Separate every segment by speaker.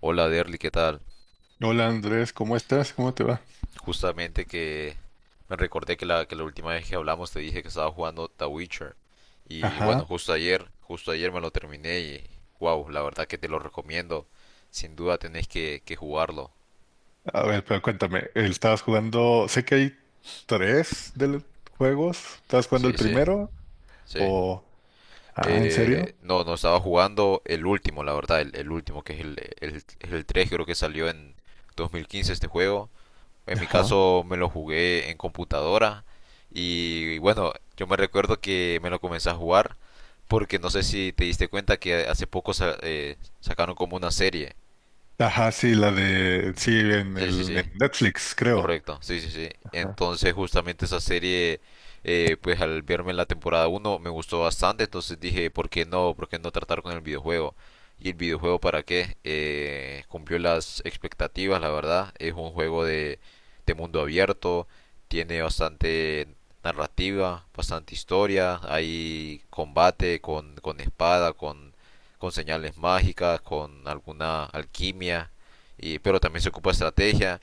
Speaker 1: Hola Derly, ¿qué tal?
Speaker 2: Hola Andrés, ¿cómo estás? ¿Cómo te va?
Speaker 1: Justamente que me recordé que la última vez que hablamos te dije que estaba jugando The Witcher. Y bueno,
Speaker 2: Ajá.
Speaker 1: justo ayer me lo terminé y wow, la verdad que te lo recomiendo. Sin duda tenés que jugarlo.
Speaker 2: A ver, pero cuéntame, ¿estabas jugando? Sé que hay tres de los juegos. ¿Estabas jugando el
Speaker 1: Sí, sí,
Speaker 2: primero?
Speaker 1: sí.
Speaker 2: ¿O... ah, ¿en serio?
Speaker 1: No, no estaba jugando el último, la verdad, el último, que es el 3, creo que salió en 2015 este juego. En mi
Speaker 2: Ajá.
Speaker 1: caso me lo jugué en computadora y bueno, yo me recuerdo que me lo comencé a jugar porque no sé si te diste cuenta que hace poco sacaron como una serie.
Speaker 2: Ajá, sí, la de... sí, en
Speaker 1: Sí, sí,
Speaker 2: el
Speaker 1: sí.
Speaker 2: en Netflix, creo.
Speaker 1: Correcto, sí, sí, sí.
Speaker 2: Ajá.
Speaker 1: Entonces, justamente esa serie, pues al verme la temporada uno me gustó bastante, entonces dije, ¿por qué no? ¿Por qué no tratar con el videojuego? ¿Y el videojuego para qué? Cumplió las expectativas, la verdad. Es un juego de, mundo abierto, tiene bastante narrativa, bastante historia, hay combate con, espada, con, señales mágicas, con alguna alquimia, pero también se ocupa estrategia.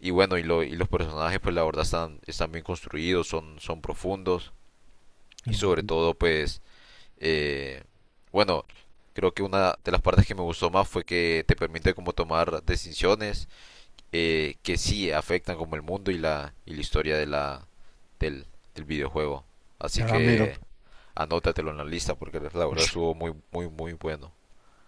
Speaker 1: Y bueno, y los personajes pues la verdad están bien construidos, son profundos, y sobre todo pues eh, bueno, creo que una de las partes que me gustó más fue que te permite como tomar decisiones que sí afectan como el mundo y y la historia del, del videojuego. Así
Speaker 2: Ah, mira.
Speaker 1: que anótatelo en la lista porque la verdad estuvo muy, muy, muy bueno.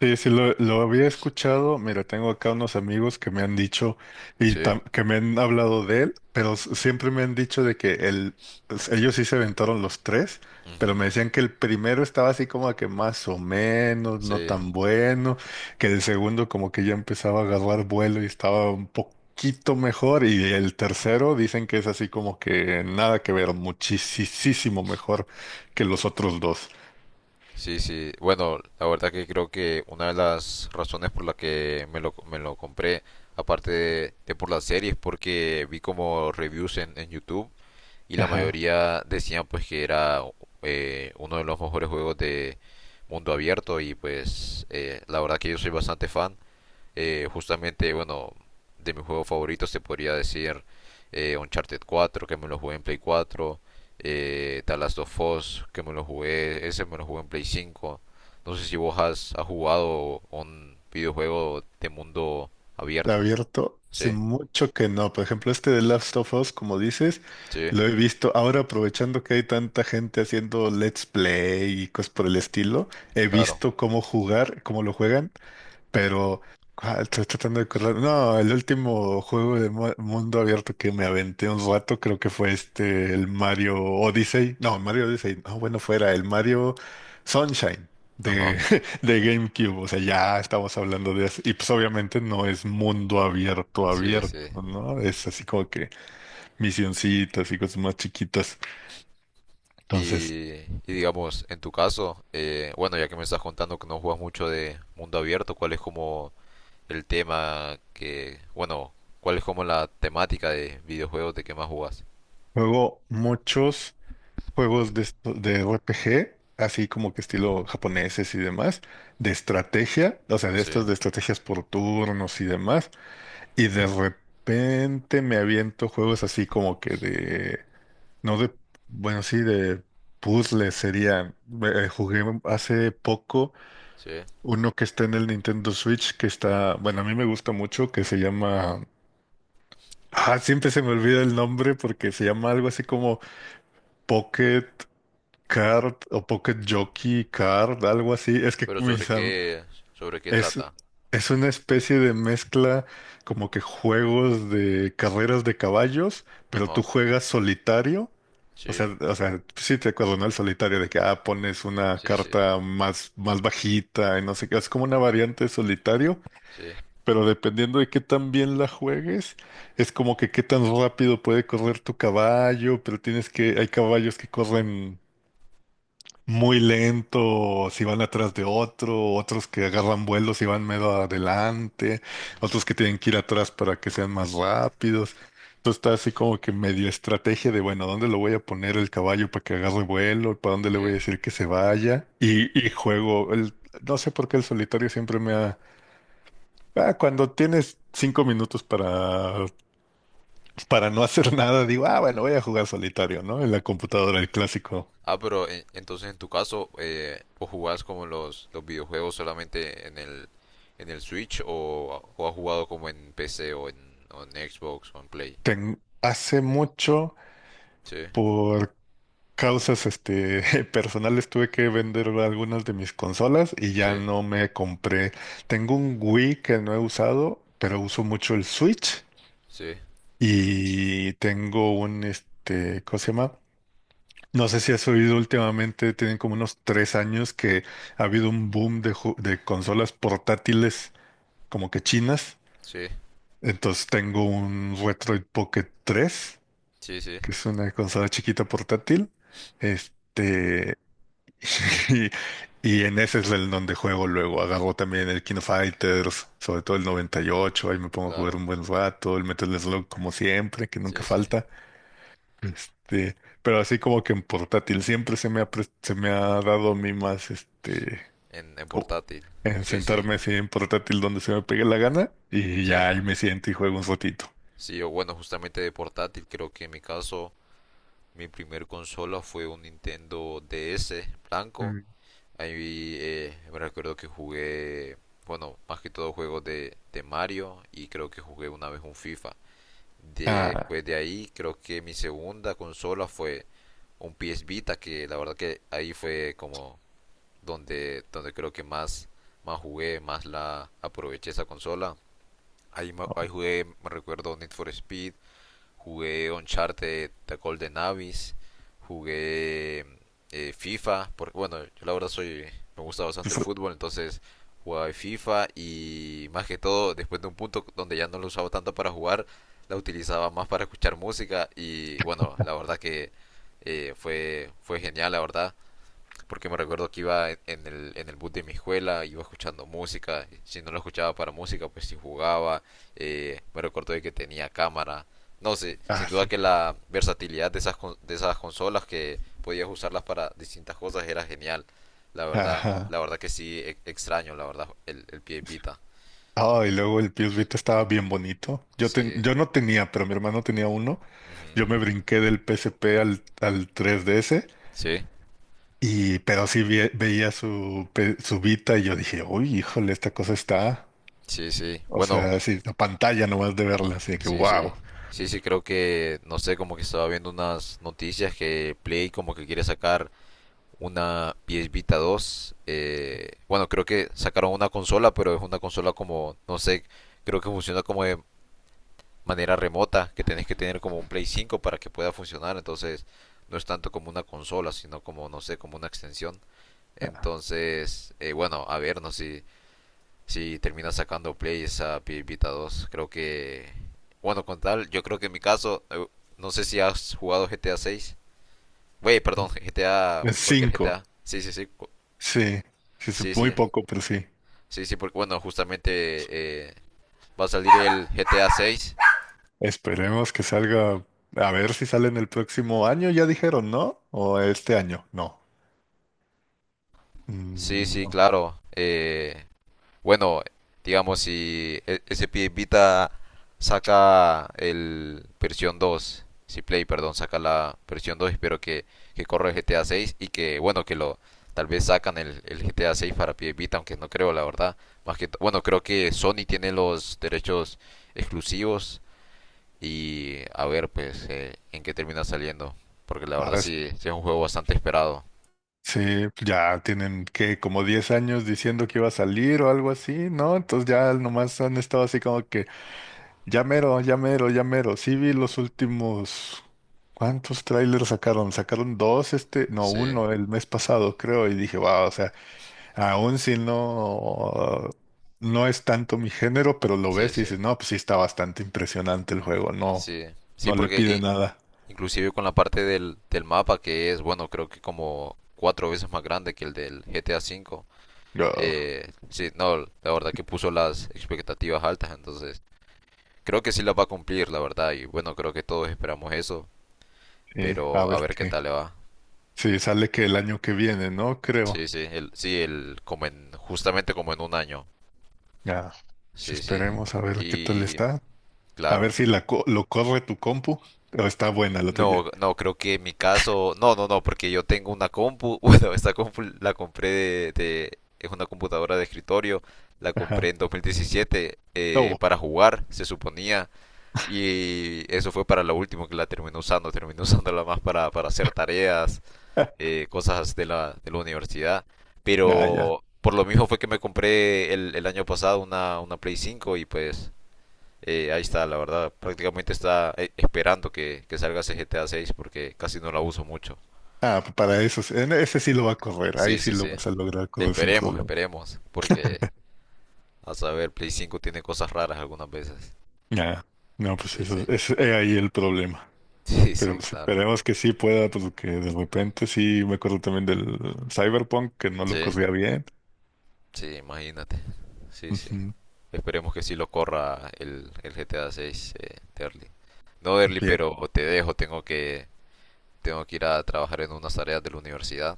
Speaker 2: Sí, sí, lo había escuchado. Mira, tengo acá unos amigos que me han dicho y
Speaker 1: Sí.
Speaker 2: que me han hablado de él, pero siempre me han dicho de que ellos sí se aventaron los tres, pero
Speaker 1: Ujú.
Speaker 2: me decían que el primero estaba así como que más o menos, no
Speaker 1: Sí.
Speaker 2: tan bueno, que el segundo como que ya empezaba a agarrar vuelo y estaba un poquito mejor, y el tercero dicen que es así como que nada que ver, muchísimo mejor que los otros dos.
Speaker 1: Sí, sí. Bueno, la verdad que creo que una de las razones por la que me lo compré, aparte de por las series, porque vi como reviews en YouTube y la
Speaker 2: Ajá.
Speaker 1: mayoría decían pues que era uno de los mejores juegos de mundo abierto, y pues la verdad que yo soy bastante fan. Justamente, bueno, de mis juegos favoritos te podría decir Uncharted 4, que me lo jugué en Play 4, The Last of Us, que me lo jugué, ese me lo jugué en Play 5. No sé si vos has jugado un videojuego de mundo abierto.
Speaker 2: Abierto, hace
Speaker 1: Sí,
Speaker 2: mucho que no. Por ejemplo, este de Last of Us, como dices,
Speaker 1: sí,
Speaker 2: lo he visto. Ahora, aprovechando que hay tanta gente haciendo Let's Play y cosas por el estilo, he
Speaker 1: claro.
Speaker 2: visto cómo jugar, cómo lo juegan. Pero estoy tratando de acordar. No, el último juego de mundo abierto que me aventé un rato, creo que fue este, el Mario Odyssey. No, Mario Odyssey, no, bueno, fuera el Mario Sunshine de,
Speaker 1: Ajá.
Speaker 2: de GameCube. O sea, ya estamos hablando de eso. Y pues obviamente no es mundo abierto,
Speaker 1: Sí, sí.
Speaker 2: abierto, ¿no? Es así como que misioncitas y cosas más chiquitas. Entonces,
Speaker 1: Y digamos, en tu caso, bueno, ya que me estás contando que no juegas mucho de mundo abierto, ¿cuál es como el tema que, bueno, cuál es como la temática de videojuegos de que más jugas?
Speaker 2: juego muchos. Juegos de, de RPG, así como que estilo japoneses y demás, de estrategia, o sea, de
Speaker 1: Sí,
Speaker 2: estos de estrategias por turnos y demás, y de repente me aviento juegos así como que de, no de, bueno, sí, de puzzles serían. Jugué hace poco
Speaker 1: sí.
Speaker 2: uno que está en el Nintendo Switch, que está, bueno, a mí me gusta mucho, que se llama... Ah, siempre se me olvida el nombre porque se llama algo así como Pocket. Kart o Pocket Jockey, Kart, algo así. Es que
Speaker 1: Pero sobre qué, sobre qué
Speaker 2: es,
Speaker 1: trata.
Speaker 2: es una especie de mezcla como que juegos de carreras de caballos, pero tú
Speaker 1: Ajá.
Speaker 2: juegas solitario. O
Speaker 1: Sí,
Speaker 2: sea, sí te acuerdo, ¿no? El solitario de que ah, pones una
Speaker 1: sí, sí,
Speaker 2: carta más, más bajita y no sé qué. Es como una variante de solitario,
Speaker 1: sí.
Speaker 2: pero dependiendo de qué tan bien la juegues, es como que qué tan rápido puede correr tu caballo, pero tienes que, hay caballos que corren muy lento, si van atrás de otro, otros que agarran vuelos y van medio adelante,
Speaker 1: Mm,
Speaker 2: otros que tienen que ir atrás para que sean más rápidos. Entonces está así como que medio estrategia de, bueno, ¿dónde lo voy a poner el caballo para que agarre vuelo? ¿Para dónde
Speaker 1: sí,
Speaker 2: le voy a decir que se vaya? Y, juego, el, no sé por qué el solitario siempre me ha... Ah, cuando tienes cinco minutos para no hacer nada, digo, ah, bueno,
Speaker 1: sí.
Speaker 2: voy a jugar solitario, ¿no? En la computadora, el clásico.
Speaker 1: Ah, pero, entonces, en tu caso, ¿o jugás como los videojuegos solamente en el, Switch, o has jugado como en PC o en, Xbox o en Play?
Speaker 2: Hace mucho
Speaker 1: Sí,
Speaker 2: causas este, personales tuve que vender algunas de mis consolas y
Speaker 1: sí,
Speaker 2: ya no me compré. Tengo un Wii que no he usado, pero uso mucho el Switch
Speaker 1: sí,
Speaker 2: y tengo un, este, ¿cómo se llama? No sé si has oído últimamente, tienen como unos 3 años que ha habido un boom de, de consolas portátiles como que chinas.
Speaker 1: sí,
Speaker 2: Entonces tengo un Retroid Pocket 3,
Speaker 1: sí, sí,
Speaker 2: que es una consola chiquita portátil. Este, Y, y en ese es el donde juego luego. Agarro también el King of Fighters, sobre todo el 98. Ahí me pongo a jugar
Speaker 1: claro,
Speaker 2: un buen rato. El Metal Slug, como siempre, que nunca
Speaker 1: sí, sí,
Speaker 2: falta. Este, pero así como que en portátil siempre se me ha, se me ha dado a mí más este,
Speaker 1: en
Speaker 2: como
Speaker 1: portátil,
Speaker 2: en
Speaker 1: sí, sí,
Speaker 2: sentarme así en portátil donde se me pegue la gana. Y
Speaker 1: sí,
Speaker 2: ya ahí me siento y juego un ratito.
Speaker 1: sí. O bueno, justamente de portátil, creo que en mi caso, mi primer consola fue un Nintendo DS blanco.
Speaker 2: Mm.
Speaker 1: Ahí, me recuerdo que jugué, bueno, más que todo juegos de Mario, y creo que jugué una vez un FIFA.
Speaker 2: Ah,
Speaker 1: Después de ahí, creo que mi segunda consola fue un PS Vita, que la verdad que ahí fue como donde creo que más jugué, más la aproveché esa consola. Ahí, ahí
Speaker 2: no,
Speaker 1: jugué, me recuerdo, Need for Speed, jugué Uncharted The Golden Abyss, jugué FIFA, porque bueno, yo la verdad me gusta bastante el
Speaker 2: pues,
Speaker 1: fútbol, entonces jugaba FIFA, y más que todo, después de un punto donde ya no lo usaba tanto para jugar, la utilizaba más para escuchar música. Y bueno, la verdad que fue genial, la verdad, porque me recuerdo que iba en en el bus de mi escuela, iba escuchando música, si no lo escuchaba para música, pues si jugaba, me recuerdo de que tenía cámara, no sé, sin
Speaker 2: ah,
Speaker 1: duda
Speaker 2: sí.
Speaker 1: que la versatilidad de de esas consolas, que podías usarlas para distintas cosas, era genial,
Speaker 2: Ajá.
Speaker 1: la verdad que sí, extraño, la verdad, el PS Vita,
Speaker 2: Ah, y luego el PS Vita estaba bien bonito. Yo,
Speaker 1: sí,
Speaker 2: yo no tenía, pero mi hermano tenía uno. Yo me
Speaker 1: ujú,
Speaker 2: brinqué del PSP al 3DS,
Speaker 1: sí,
Speaker 2: y, pero sí veía su, su Vita y yo dije, uy, híjole, esta cosa está.
Speaker 1: sí, sí,
Speaker 2: O
Speaker 1: bueno,
Speaker 2: sea, así, la pantalla nomás de verla, así de que
Speaker 1: sí, sí.
Speaker 2: wow.
Speaker 1: Sí, sí, creo que, no sé, como que estaba viendo unas noticias que Play como que quiere sacar una PS Vita 2. Bueno, creo que sacaron una consola, pero es una consola como, no sé, creo que funciona como de manera remota, que tenés que tener como un Play 5 para que pueda funcionar. Entonces, no es tanto como una consola, sino como, no sé, como una extensión. Entonces, bueno, a ver, no sé si termina sacando Play esa PS Vita 2. Creo que, bueno, con tal, yo creo que en mi caso, no sé si has jugado GTA 6. Güey, perdón, GTA,
Speaker 2: Es
Speaker 1: cualquier
Speaker 2: 5,
Speaker 1: GTA. Sí, sí, sí.
Speaker 2: sí, sí, sí,
Speaker 1: Sí,
Speaker 2: muy
Speaker 1: sí,
Speaker 2: poco, pero sí.
Speaker 1: sí, sí, porque bueno, justamente va a salir el GTA 6.
Speaker 2: Esperemos que salga. A ver si sale en el próximo año, ya dijeron, ¿no? O este año, no.
Speaker 1: Sí,
Speaker 2: Mm,
Speaker 1: sí,
Speaker 2: no.
Speaker 1: claro. Bueno, digamos, si SP Vita saca el versión 2, si Play, perdón, saca la versión 2, espero que corra el GTA 6 y que, bueno, que lo tal vez sacan el GTA 6 para PS Vita, aunque no creo, la verdad. Más que, bueno, creo que Sony tiene los derechos exclusivos, y a ver pues en qué termina saliendo, porque la verdad sí, sí es un juego bastante esperado.
Speaker 2: Sí, pues, ya tienen que como 10 años diciendo que iba a salir o algo así, ¿no? Entonces ya nomás han estado así como que ya mero, ya mero, ya mero. Sí vi los últimos, ¿cuántos trailers sacaron? Sacaron dos este, no,
Speaker 1: Sí,
Speaker 2: uno el mes pasado, creo, y dije, wow, o sea, aún si no, no es tanto mi género, pero lo
Speaker 1: sí,
Speaker 2: ves y
Speaker 1: sí,
Speaker 2: dices, no, pues sí está bastante impresionante el juego, no,
Speaker 1: sí, sí,
Speaker 2: no le
Speaker 1: porque
Speaker 2: pide nada.
Speaker 1: inclusive con la parte del mapa, que es, bueno, creo que como cuatro veces más grande que el del GTA 5.
Speaker 2: Yo,
Speaker 1: Sí, no, la verdad que puso las expectativas altas, entonces creo que sí las va a cumplir, la verdad, y bueno, creo que todos esperamos eso,
Speaker 2: sí, a
Speaker 1: pero a
Speaker 2: ver
Speaker 1: ver qué
Speaker 2: qué.
Speaker 1: tal le va.
Speaker 2: Sí, sale que el año que viene, ¿no? Creo.
Speaker 1: Sí, sí, justamente como en un año.
Speaker 2: Ya, pues
Speaker 1: Sí, sí.
Speaker 2: esperemos a ver qué tal
Speaker 1: Y,
Speaker 2: está. A ver
Speaker 1: claro.
Speaker 2: si la lo corre tu compu o está buena la tuya.
Speaker 1: No, no, creo que en mi caso, no, no, no, porque yo tengo una compu, bueno, esta compu la compré es una computadora de escritorio, la
Speaker 2: Ajá.
Speaker 1: compré en 2017,
Speaker 2: No,
Speaker 1: para jugar, se suponía, y eso fue para lo último que la terminé usando, terminé usándola más para hacer tareas, cosas de de la universidad,
Speaker 2: ya, ya.
Speaker 1: pero por lo mismo fue que me compré el año pasado una Play 5, y pues. Ahí está, la verdad. Prácticamente está esperando que salga ese GTA 6, porque casi no la uso mucho.
Speaker 2: Ah, pues para eso, sí, en ese sí lo va a correr. Ahí
Speaker 1: Sí,
Speaker 2: sí
Speaker 1: sí,
Speaker 2: lo
Speaker 1: sí.
Speaker 2: vas a lograr correr sin
Speaker 1: Esperemos,
Speaker 2: problema.
Speaker 1: esperemos. Porque a saber, Play 5 tiene cosas raras algunas veces.
Speaker 2: Ya. No, pues
Speaker 1: Sí, sí.
Speaker 2: eso es ahí el problema.
Speaker 1: Sí,
Speaker 2: Pero
Speaker 1: sí,
Speaker 2: pues
Speaker 1: claro.
Speaker 2: esperemos que sí pueda, porque de repente sí me acuerdo también del Cyberpunk que no lo
Speaker 1: Sí,
Speaker 2: corría bien.
Speaker 1: sí, imagínate. Sí, sí.
Speaker 2: Ujú.
Speaker 1: Esperemos que sí lo corra el GTA 6, Terly. No, Derly,
Speaker 2: Bien,
Speaker 1: pero te dejo, tengo que, ir a trabajar en unas tareas de la universidad.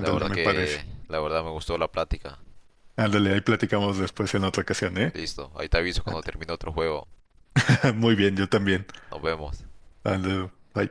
Speaker 2: me parece.
Speaker 1: La verdad me gustó la plática.
Speaker 2: Ándale, ahí platicamos después en otra ocasión, ¿eh?
Speaker 1: Listo, ahí te aviso cuando
Speaker 2: Ándale.
Speaker 1: termine otro juego.
Speaker 2: Muy bien, yo también.
Speaker 1: Nos vemos.
Speaker 2: Ándale, bye.